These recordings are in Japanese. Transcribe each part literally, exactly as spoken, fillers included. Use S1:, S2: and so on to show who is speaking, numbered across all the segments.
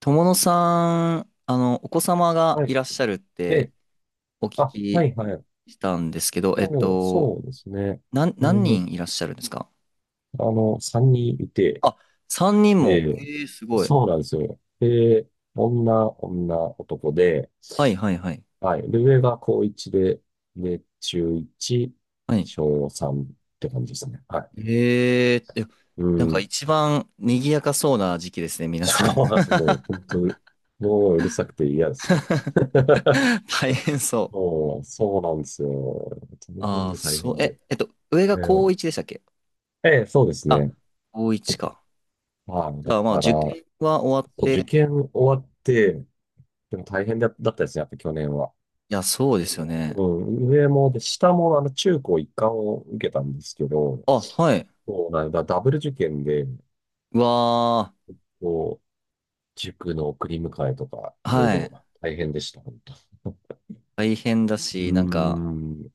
S1: 友野さん、あの、お子様が
S2: は
S1: い
S2: い。
S1: らっしゃるって
S2: で、
S1: お聞
S2: あ、は
S1: き
S2: いはい。
S1: したんですけど、えっ
S2: そう、
S1: と、
S2: そうですね。
S1: なん、
S2: え
S1: 何
S2: ー
S1: 人いらっしゃるんですか？
S2: あの、さんにんいて、
S1: あ、さんにんも。
S2: え
S1: ええ、すごい。
S2: そうなんですよ。で、女、女、男で、
S1: はいはいはい。
S2: はい。で、上が高いちで、で、中いち、
S1: はい。
S2: 小さんって感じですね。はい。
S1: えーえ、
S2: う
S1: なんか
S2: ん。
S1: 一番賑やかそうな時期ですね、皆さ
S2: そ
S1: ん。
S2: うなんです。もう、本当に、もううるさくて嫌ですね。
S1: 大変そ
S2: そう、そうなんですよ。
S1: う。
S2: 大変
S1: ああ、
S2: で大
S1: そう、
S2: 変で。
S1: え、えっと、上が高いちでしたっけ？
S2: ええ、そうです
S1: あ、
S2: ね。
S1: 高いちか。
S2: はい。
S1: じ
S2: だ
S1: ゃあまあ
S2: から、
S1: 受験は終わっ
S2: そう
S1: て、
S2: 受
S1: い
S2: 験終わって、でも大変だだったですね、やっぱ去年は。
S1: や、そうで
S2: そ
S1: すよね。
S2: のうん、上も、で、下も、あの、中高一貫を受けたんですけど、
S1: あ、はい。
S2: そうなんだ、ダブル受験で、
S1: うわー。
S2: こう、塾の送り迎えとか、いろい
S1: は
S2: ろ
S1: い。
S2: 大変でした、本当。
S1: 大変だ
S2: うー
S1: し、なんか、
S2: ん、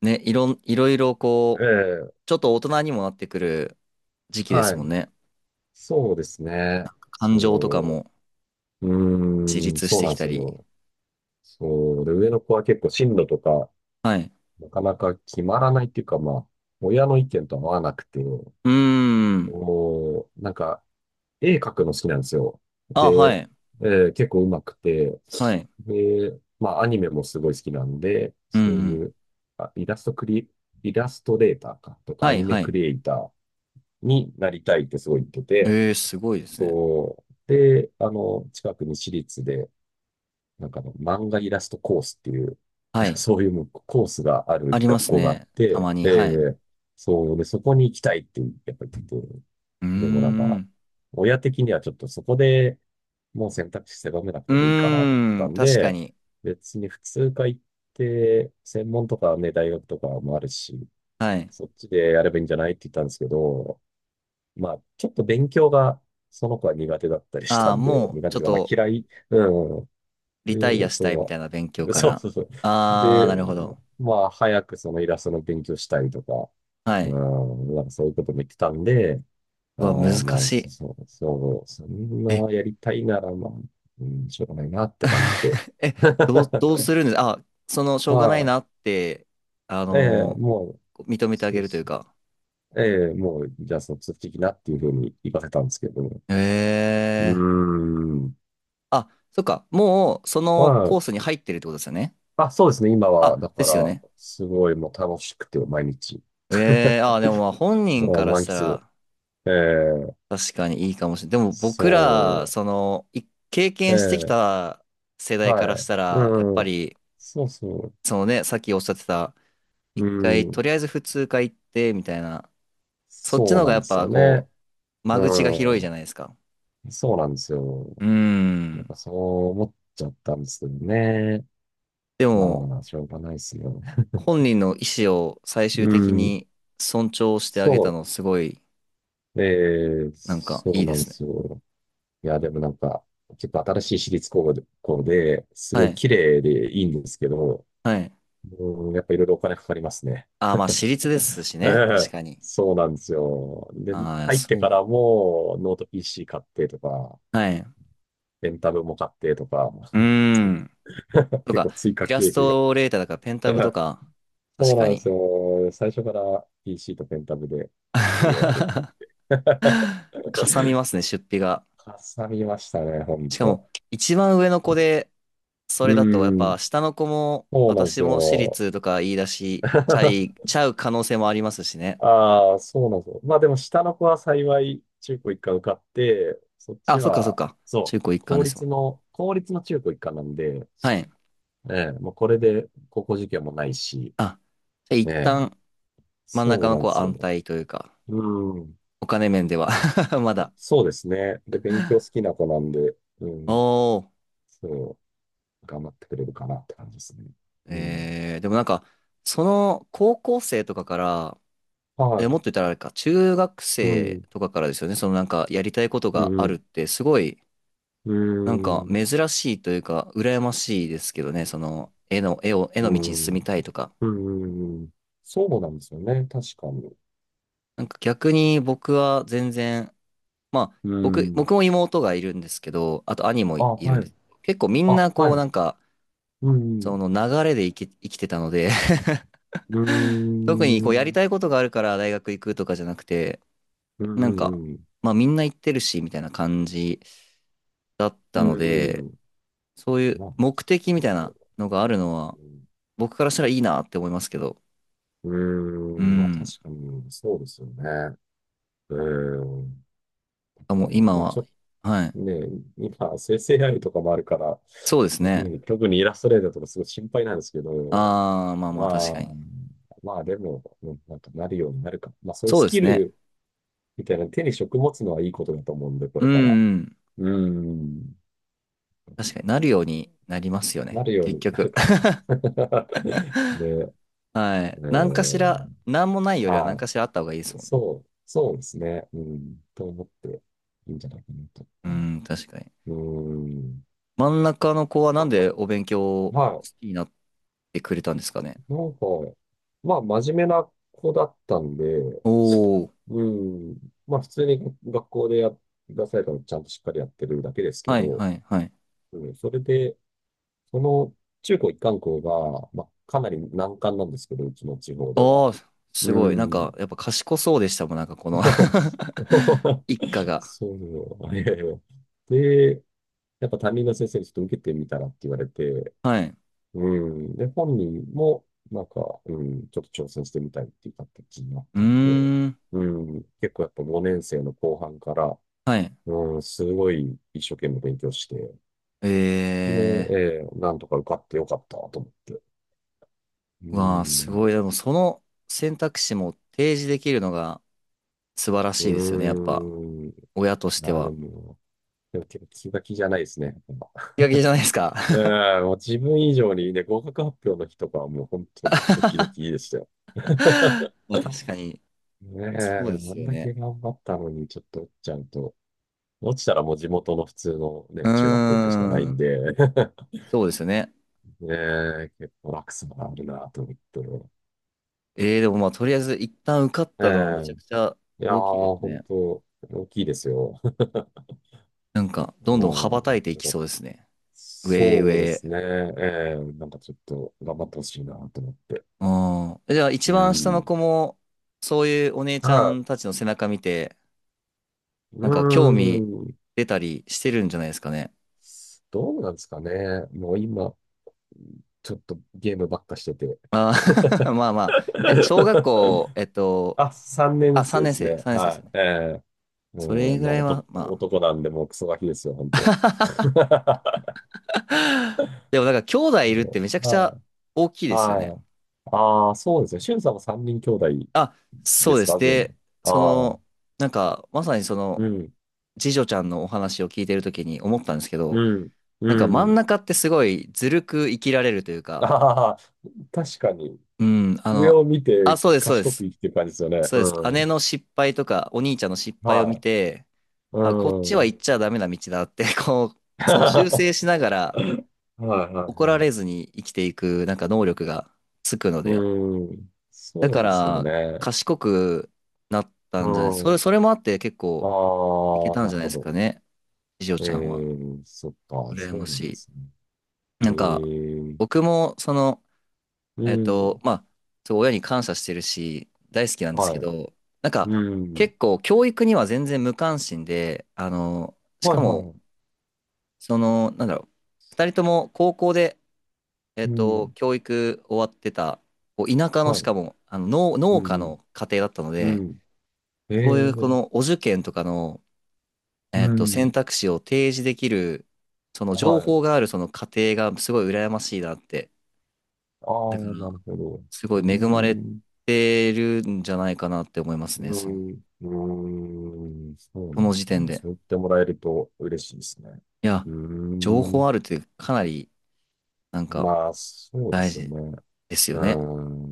S1: ね、いろん、いろいろこ
S2: え
S1: う、
S2: え、
S1: ちょっと大人にもなってくる時期です
S2: は
S1: もん
S2: い。
S1: ね。
S2: そうですね。
S1: 感情とか
S2: そ
S1: も
S2: う、
S1: 自
S2: うーん、
S1: 立し
S2: そう
S1: て
S2: な
S1: き
S2: んです
S1: たり。
S2: よ。そう、で、上の子は結構進路とか、
S1: はい。
S2: なかなか決まらないっていうか、まあ、親の意見と合わなくて、
S1: うーん。
S2: こう、なんか、絵描くの好きなんですよ。
S1: あ、は
S2: で、
S1: い。
S2: えー結構上手くて、
S1: はい。
S2: で、まあ、アニメもすごい好きなんで、
S1: うんう
S2: そうい
S1: ん。
S2: う、あ、イラストクリ、イラストレーターか、とか、
S1: は
S2: ア
S1: い、
S2: ニメ
S1: は
S2: ク
S1: い。
S2: リエイターになりたいってすごい言ってて、
S1: えー、すごいですね。
S2: そう。で、あの、近くに私立で、なんかあの漫画イラストコースっていう、
S1: は い。
S2: そういうコースがある
S1: ありま
S2: 学
S1: す
S2: 校があっ
S1: ね。た
S2: て、
S1: まに。
S2: え
S1: はい。
S2: えそうで、そこに行きたいってやっぱり言ってて、
S1: うー
S2: でもなんか、
S1: ん。
S2: 親的にはちょっとそこでもう選択肢狭めなく
S1: う
S2: てもいいかなと思って
S1: ー
S2: た
S1: ん。
S2: ん
S1: 確か
S2: で、
S1: に。
S2: 別に普通科行って、専門とかね、大学とかもあるし、
S1: はい。
S2: そっちでやればいいんじゃないって言ったんですけど、まあ、ちょっと勉強がその子は苦手だったりし
S1: あ
S2: た
S1: あ、
S2: んで、
S1: もう、
S2: 苦
S1: ち
S2: 手と
S1: ょ
S2: い
S1: っ
S2: うか、まあ
S1: と、
S2: 嫌い、うん、
S1: リタイア
S2: で、
S1: したいみた
S2: そ
S1: いな勉強
S2: う、
S1: か
S2: そう
S1: ら。
S2: そうそう。
S1: ああ、
S2: で、
S1: なるほど。
S2: まあ、早くそのイラストの勉強したりとか、
S1: は
S2: う
S1: い。
S2: ん、なんかそういうことも言ってたんで、あ
S1: うわ、難
S2: ーまあ、
S1: し
S2: そ
S1: い。
S2: そう、そう、そん
S1: え。
S2: なやりたいなら、まあ、うん、しょうがないなって感じで。
S1: え、どう、どうするんです？あ、その、しょうがない
S2: ま
S1: なって、あ
S2: あ、ええ
S1: のー
S2: もう、
S1: 認めてあ
S2: そ
S1: げ
S2: う
S1: るという
S2: そう。
S1: か。
S2: ええもう、じゃあ、卒業的なっていうふうに言わせたんですけど
S1: へ
S2: うー
S1: え。
S2: ん。
S1: あ、そっか。もう、そのコ
S2: ま
S1: ースに入ってるってことですよね。
S2: あ、あ、そうですね。今は、
S1: あ、
S2: だ
S1: で
S2: か
S1: すよ
S2: ら、
S1: ね。
S2: すごいもう楽しくて、毎日。
S1: ええ、あ、でもまあ本
S2: あ
S1: 人から
S2: 満
S1: した
S2: 喫。
S1: ら
S2: ええ、
S1: 確かにいいかもしれない。でも僕ら、
S2: そ
S1: その、い経
S2: う、え
S1: 験してき
S2: え、
S1: た世代
S2: は
S1: からし
S2: い、
S1: たら、やっ
S2: う
S1: ぱ
S2: ん、
S1: り、
S2: そうそ
S1: そのね、さっきおっしゃってた、
S2: う、
S1: 一
S2: う
S1: 回、と
S2: ん、
S1: りあえず普通科行って、みたいな、そっち
S2: そ
S1: の
S2: う
S1: 方
S2: な
S1: が
S2: ん
S1: や
S2: で
S1: っ
S2: す
S1: ぱ
S2: よね。
S1: こう、間口が広いじ
S2: う
S1: ゃないですか。
S2: ん、そうなんですよ。
S1: うー
S2: なんか
S1: ん。
S2: そう思っちゃったんですけどね。
S1: で
S2: ま
S1: も、
S2: あ、しょうがないですよ。
S1: 本人の意思を最終
S2: う
S1: 的
S2: ん、
S1: に尊重してあげた
S2: そ
S1: の、すごい、
S2: う、ええ、
S1: なんか、
S2: そ
S1: い
S2: う
S1: いで
S2: なんで
S1: すね。
S2: すよ。いや、でもなんか、結構新しい私立高校で、す
S1: は
S2: ごい
S1: い。
S2: 綺麗でいいんですけど、
S1: はい。
S2: うん、やっぱいろいろお金かかりますね。
S1: ああ、まあ、私立 ですし
S2: え
S1: ね。確
S2: え、
S1: かに。
S2: そうなんですよ。で、
S1: ああ、
S2: 入って
S1: そう
S2: か
S1: だ。
S2: らもノート ピーシー 買ってとか、
S1: はい。う
S2: レンタルも買ってとか、
S1: ーん。と
S2: 結
S1: か、
S2: 構追
S1: イ
S2: 加
S1: ラ
S2: 経
S1: ス
S2: 費が。
S1: トレーターだから、ペン
S2: え
S1: タブと
S2: え
S1: か、
S2: そ
S1: 確
S2: うな
S1: か
S2: んです
S1: に。
S2: よ。最初から ピーシー とペンタブで授業やるって 言って。
S1: かさみ ますね、出費が。
S2: かさみましたね、ほん
S1: しかも、
S2: と。
S1: 一番上の子で、そ
S2: う
S1: れだと、やっぱ、
S2: ん、
S1: 下の子も、
S2: そうなんで
S1: 私
S2: す
S1: も私
S2: よ。
S1: 立とか言い出し、ちゃい、ちゃう可能性もありますしね。
S2: ああ、そうなんですよ。まあでも下の子は幸い中高一貫受かって、そっ
S1: あ、
S2: ち
S1: そっかそっ
S2: は、
S1: か。
S2: そ
S1: 中
S2: う、
S1: 高一貫
S2: 公
S1: ですも
S2: 立
S1: んね。
S2: の、公立の中高一貫なんで、
S1: はい。
S2: ええ、もうこれで高校受験もないし、
S1: あ、じゃあ
S2: え
S1: 一
S2: え、
S1: 旦真ん
S2: そ
S1: 中
S2: う
S1: の
S2: なん
S1: 子
S2: で
S1: は
S2: す
S1: 安
S2: よ。
S1: 泰というか、
S2: うん、
S1: お金面では。 まだ。
S2: そうですね。で、勉強好きな子なんで、うん、
S1: おー。
S2: そう、頑張ってくれるかなって感じですね。うん。
S1: えー、でもなんか、その高校生とかから、
S2: は
S1: え、も
S2: い。
S1: っと言ったらあれか、中学
S2: う
S1: 生
S2: ん、
S1: とかからですよね。そのなんかやりたいこと
S2: う
S1: があるっ
S2: ん、
S1: て、すごい、
S2: う
S1: なんか
S2: ん、うん、
S1: 珍しいというか、羨ましいですけどね。その、絵の、絵を、絵
S2: う
S1: の道に進
S2: ん、
S1: みたいとか。
S2: うん、うんそうなんですよね。確かに。
S1: なんか逆に僕は全然、まあ、
S2: う
S1: 僕、
S2: ん。
S1: 僕も妹がいるんですけど、あと兄も
S2: あ、
S1: い、いるん
S2: は
S1: で
S2: い。
S1: す。結構みん
S2: あ、
S1: なこ
S2: は
S1: うな
S2: い。
S1: んか、
S2: う
S1: そ
S2: ん。
S1: の流れで生き、生きてたので。
S2: うー
S1: 特にこうやり
S2: ん。
S1: たいことがあるから大学行くとかじゃなくて、
S2: うー
S1: なんか、
S2: ん。
S1: まあみんな行ってるし、みたいな感じだっ
S2: う
S1: たの
S2: ー
S1: で、
S2: ん。
S1: そうい
S2: ま
S1: う
S2: あ、
S1: 目的み
S2: そう
S1: たい
S2: ですよ
S1: な
S2: ね。
S1: のがあるのは、
S2: うん。
S1: 僕からしたらいいなって思いますけど、
S2: う
S1: う
S2: ーん。まあ、確
S1: ん。
S2: かに、そうですよね。うーん。
S1: あ、
S2: あ
S1: もう
S2: の、
S1: 今
S2: まあ、ち
S1: は、
S2: ょっ
S1: は
S2: と
S1: い。
S2: ね、今、生成エーア i とかもあるから、
S1: そうですね。
S2: ね、特にイラストレーターとかすごい心配なんですけど、
S1: ああ、まあま
S2: ま
S1: あ確かに。
S2: あ、まあ、でも、うんなんかなるようになるか。まあ、そういう
S1: そう
S2: ス
S1: で
S2: キ
S1: すね。
S2: ルみたいなの手に職持つのはいいことだと思うんで、こ
S1: う
S2: れ
S1: ん
S2: から。
S1: うん。
S2: うーん。
S1: 確かになるようになりますよ
S2: な
S1: ね、
S2: るよう
S1: 結
S2: になる
S1: 局。
S2: かなと。で、
S1: は
S2: え
S1: い。何かし
S2: ー
S1: ら、何もないよりは何
S2: は
S1: かしらあった方がいいです
S2: い、
S1: もんね。
S2: そう、そうですね、うん、と思っていいんじゃないかなと。
S1: う
S2: はい、
S1: ん、確かに。
S2: うん、
S1: 真ん中の子はなんでお勉強好
S2: は
S1: きになってくれたんですかね。
S2: い、なんか、まあ、真面目な子だったんで、
S1: おー。
S2: うん、まあ、普通に学校でや出されたのちゃんとしっかりやってるだけですけ
S1: はい
S2: ど、
S1: はいはい。
S2: うん、それで、その中高一貫校が、まあ、かなり難関なんですけど、うちの地方では。
S1: ああ、す
S2: う
S1: ごい。なんか、
S2: ん。
S1: やっぱ賢そうでしたもん、なんかこの。 一家が。
S2: そう、いやいや。で、やっぱ担任の先生にちょっと受けてみたらって言われて、
S1: はい。
S2: うん。で、本人も、なんか、うん、ちょっと挑戦してみたいっていう形になっ
S1: う
S2: たんで、
S1: ーん。
S2: うん、結構やっぱごねん生の後半から、
S1: はい。
S2: うん、すごい一生懸命勉強して、
S1: え
S2: で、
S1: え
S2: えーなんとか受かってよかったと思って。う
S1: ー。うわあ、す
S2: ん、
S1: ごい。でもその選択肢も提示できるのが素晴ら
S2: う
S1: しいですよね。やっぱ。
S2: ん。
S1: 親として
S2: あー、で
S1: は。
S2: も、でも手が気が気じゃないですね。
S1: 気が気じゃないですか。
S2: うん、もう自分以上にね、合格発表の日とかはもう本当ドキドキでしたよ。
S1: まあ確かに、
S2: ねえ、
S1: そう
S2: あ
S1: です
S2: ん
S1: よ
S2: だけ
S1: ね。
S2: 頑張ったのにちょっと落ちちゃうと、落ちたらもう地元の普通の
S1: う
S2: ね、中学校
S1: ー
S2: 行くしかないん
S1: ん、
S2: で、
S1: そうですよね。
S2: ねえ、結構落差があるなと思って。
S1: えー、でもまあとりあえず一旦受かっ
S2: え
S1: たのはめちゃ
S2: え、
S1: くちゃ
S2: いや
S1: 大きいで
S2: ー、
S1: す
S2: 本
S1: ね。
S2: 当大きいですよ。
S1: なんか、
S2: う
S1: どんどん羽
S2: ん、
S1: ばたいてい
S2: なん
S1: き
S2: か
S1: そうですね。上へ
S2: そ
S1: 上
S2: うで
S1: へ。
S2: すね。ええ、なんかちょっと頑張ってほしいなと思って。
S1: うん。じゃあ一
S2: う
S1: 番下の
S2: ん。
S1: 子も、そういうお姉ちゃ
S2: は
S1: んたちの背中見て、
S2: い。う
S1: なんか興味
S2: ん。
S1: 出たりしてるんじゃないですかね。
S2: どうなんですかね。もう今、ちょっとゲームばっかしてて。
S1: あー。 まあまあ。え、小学校、え っと、
S2: あ、さんねん
S1: あ、
S2: 生
S1: 3
S2: で
S1: 年
S2: す
S1: 生、
S2: ね。
S1: さんねん生です
S2: は
S1: よ
S2: い。
S1: ね。
S2: ええう
S1: それ
S2: ん、
S1: ぐ
S2: も
S1: ら
S2: う
S1: い
S2: 男、
S1: は、まあ。
S2: 男なんで、もうクソガキですよ、本当
S1: でもなんか兄弟いるって
S2: そ
S1: めちゃく
S2: う
S1: ち
S2: は
S1: ゃ
S2: い。
S1: 大きいですよ
S2: は
S1: ね。
S2: い。ああ、そうですね。しゅんさんもさんにん兄弟
S1: あ、そ
S2: で
S1: う
S2: す
S1: です。
S2: か、全
S1: で、
S2: 部。
S1: そ
S2: ああ、
S1: の、なんかまさにその
S2: うん、
S1: 次女ちゃんのお話を聞いてるときに思ったんですけ
S2: う
S1: ど、
S2: ん、
S1: なん
S2: う
S1: か真ん
S2: ん。
S1: 中ってすごいずるく生きられるというか、
S2: ああ、確かに。
S1: うん、あ
S2: 上
S1: の、
S2: を見
S1: あ、
S2: て
S1: そうです、そうで
S2: 賢く
S1: す。
S2: 生きてる感じですよね。
S1: そうです。
S2: う
S1: 姉
S2: ん。
S1: の失敗とかお兄ちゃんの失敗を
S2: は
S1: 見て、
S2: い。
S1: あ、こっち
S2: う
S1: は
S2: ん。
S1: 行っちゃダメな道だって、こ う、その修
S2: は
S1: 正しながら
S2: い、はい、
S1: 怒ら
S2: は
S1: れずに生きていくなんか能力がつくの
S2: い。う
S1: で、
S2: ーん。
S1: だ
S2: そう
S1: か
S2: ですよ
S1: ら、
S2: ね。
S1: 賢くなっ
S2: う
S1: たんじゃない、それ、
S2: ん。
S1: それもあって結
S2: あ
S1: 構いけ
S2: あ、
S1: たん
S2: な
S1: じゃ
S2: る
S1: ない
S2: ほ
S1: ですか
S2: ど。
S1: ね、次女
S2: え
S1: ちゃんは。
S2: ー、そっか、
S1: 羨
S2: そう
S1: ま
S2: な
S1: し
S2: んで
S1: い。
S2: すね。
S1: な
S2: え
S1: んか、
S2: ー、
S1: 僕も、その、
S2: う
S1: えっと、
S2: ん。
S1: まあ、そう、親に感謝してるし、大好きなんです
S2: は
S1: け
S2: い。
S1: ど、なんか、
S2: うん。
S1: 結構、教育には全然無関心で、あの、し
S2: はい、
S1: か
S2: は
S1: も、
S2: い。
S1: その、なんだろう、ふたりとも高校で、え
S2: う
S1: っと、
S2: ん。
S1: 教育終わってた、こう田舎の、
S2: は
S1: しか
S2: い。
S1: も、あの、農、
S2: う
S1: 農家
S2: ん。
S1: の家庭だったの
S2: う
S1: で、
S2: ん。え
S1: そういうこ
S2: ー、
S1: のお受験とかの、
S2: う
S1: えっと、
S2: ん。
S1: 選択肢を提示できる、その情
S2: は
S1: 報
S2: い。
S1: があるその過程がすごい羨ましいなって。
S2: ああ、
S1: だから、
S2: なるほど。
S1: す
S2: う
S1: ご
S2: ー
S1: い恵まれ
S2: ん。
S1: てるんじゃないかなって思いますね。
S2: う
S1: す
S2: ん。うーん。そうな
S1: こ
S2: ん
S1: の
S2: です
S1: 時
S2: か
S1: 点
S2: ね。
S1: で。
S2: そう言ってもらえると嬉しいですね。
S1: いや、
S2: うー
S1: 情報
S2: ん。
S1: あるってかなりなんか
S2: まあ、そうで
S1: 大
S2: すよ
S1: 事
S2: ね。
S1: ですよ
S2: うー
S1: ね。
S2: ん、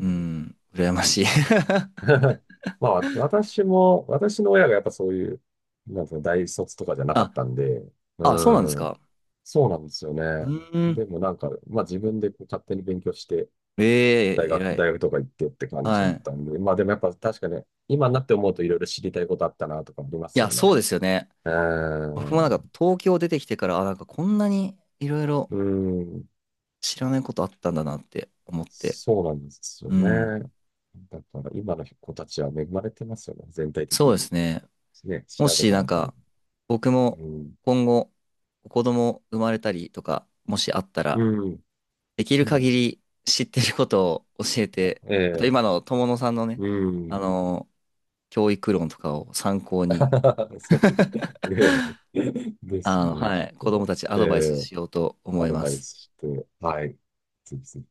S1: う
S2: ーん、
S1: ん、羨ましい。
S2: 確かに。まあ、私も、私の親がやっぱそういう、なんていうの、大卒とかじゃなか
S1: あ、
S2: ったんで、う
S1: あ、そうなんです
S2: ーん、
S1: か。
S2: そうなんですよ
S1: う
S2: ね。
S1: ん、
S2: でもなんか、まあ自分でこう勝手に勉強して、
S1: え
S2: 大
S1: え、偉
S2: 学、
S1: い。
S2: 大学とか行ってって感じだ
S1: は
S2: っ
S1: い。
S2: たんで、まあでもやっぱ確かに、今になって思うといろいろ知りたいことあったなとかありま
S1: い
S2: す
S1: や、
S2: よ
S1: そう
S2: ね。
S1: ですよね。
S2: うー
S1: 僕も
S2: ん、
S1: なんか
S2: う
S1: 東京出てきてから、あ、なんかこんなにいろいろ
S2: ーん、
S1: 知らないことあったんだなって思って。
S2: そうなんですよ
S1: うん。
S2: ね。だから今の子たちは恵まれてますよね。全体的
S1: そうで
S2: に。
S1: すね。
S2: ね、
S1: も
S2: 調べ
S1: し
S2: たら
S1: なん
S2: わかる。
S1: か僕も
S2: うん。
S1: 今後子供生まれたりとか、もしあった
S2: う
S1: ら、
S2: ん。
S1: できる
S2: も
S1: 限
S2: う、
S1: り知ってることを教えて、あと
S2: え
S1: 今
S2: え
S1: の友野さんのね、
S2: う
S1: あ
S2: ん。
S1: の、教育論とかを参考に、
S2: そう。ええです
S1: あの、
S2: ね。
S1: は
S2: ちょっ
S1: い、子供
S2: と、
S1: たちア
S2: え
S1: ドバイス
S2: え
S1: しようと
S2: ア
S1: 思い
S2: ド
S1: ま
S2: バイ
S1: す。
S2: スして、はい。ぜひぜひ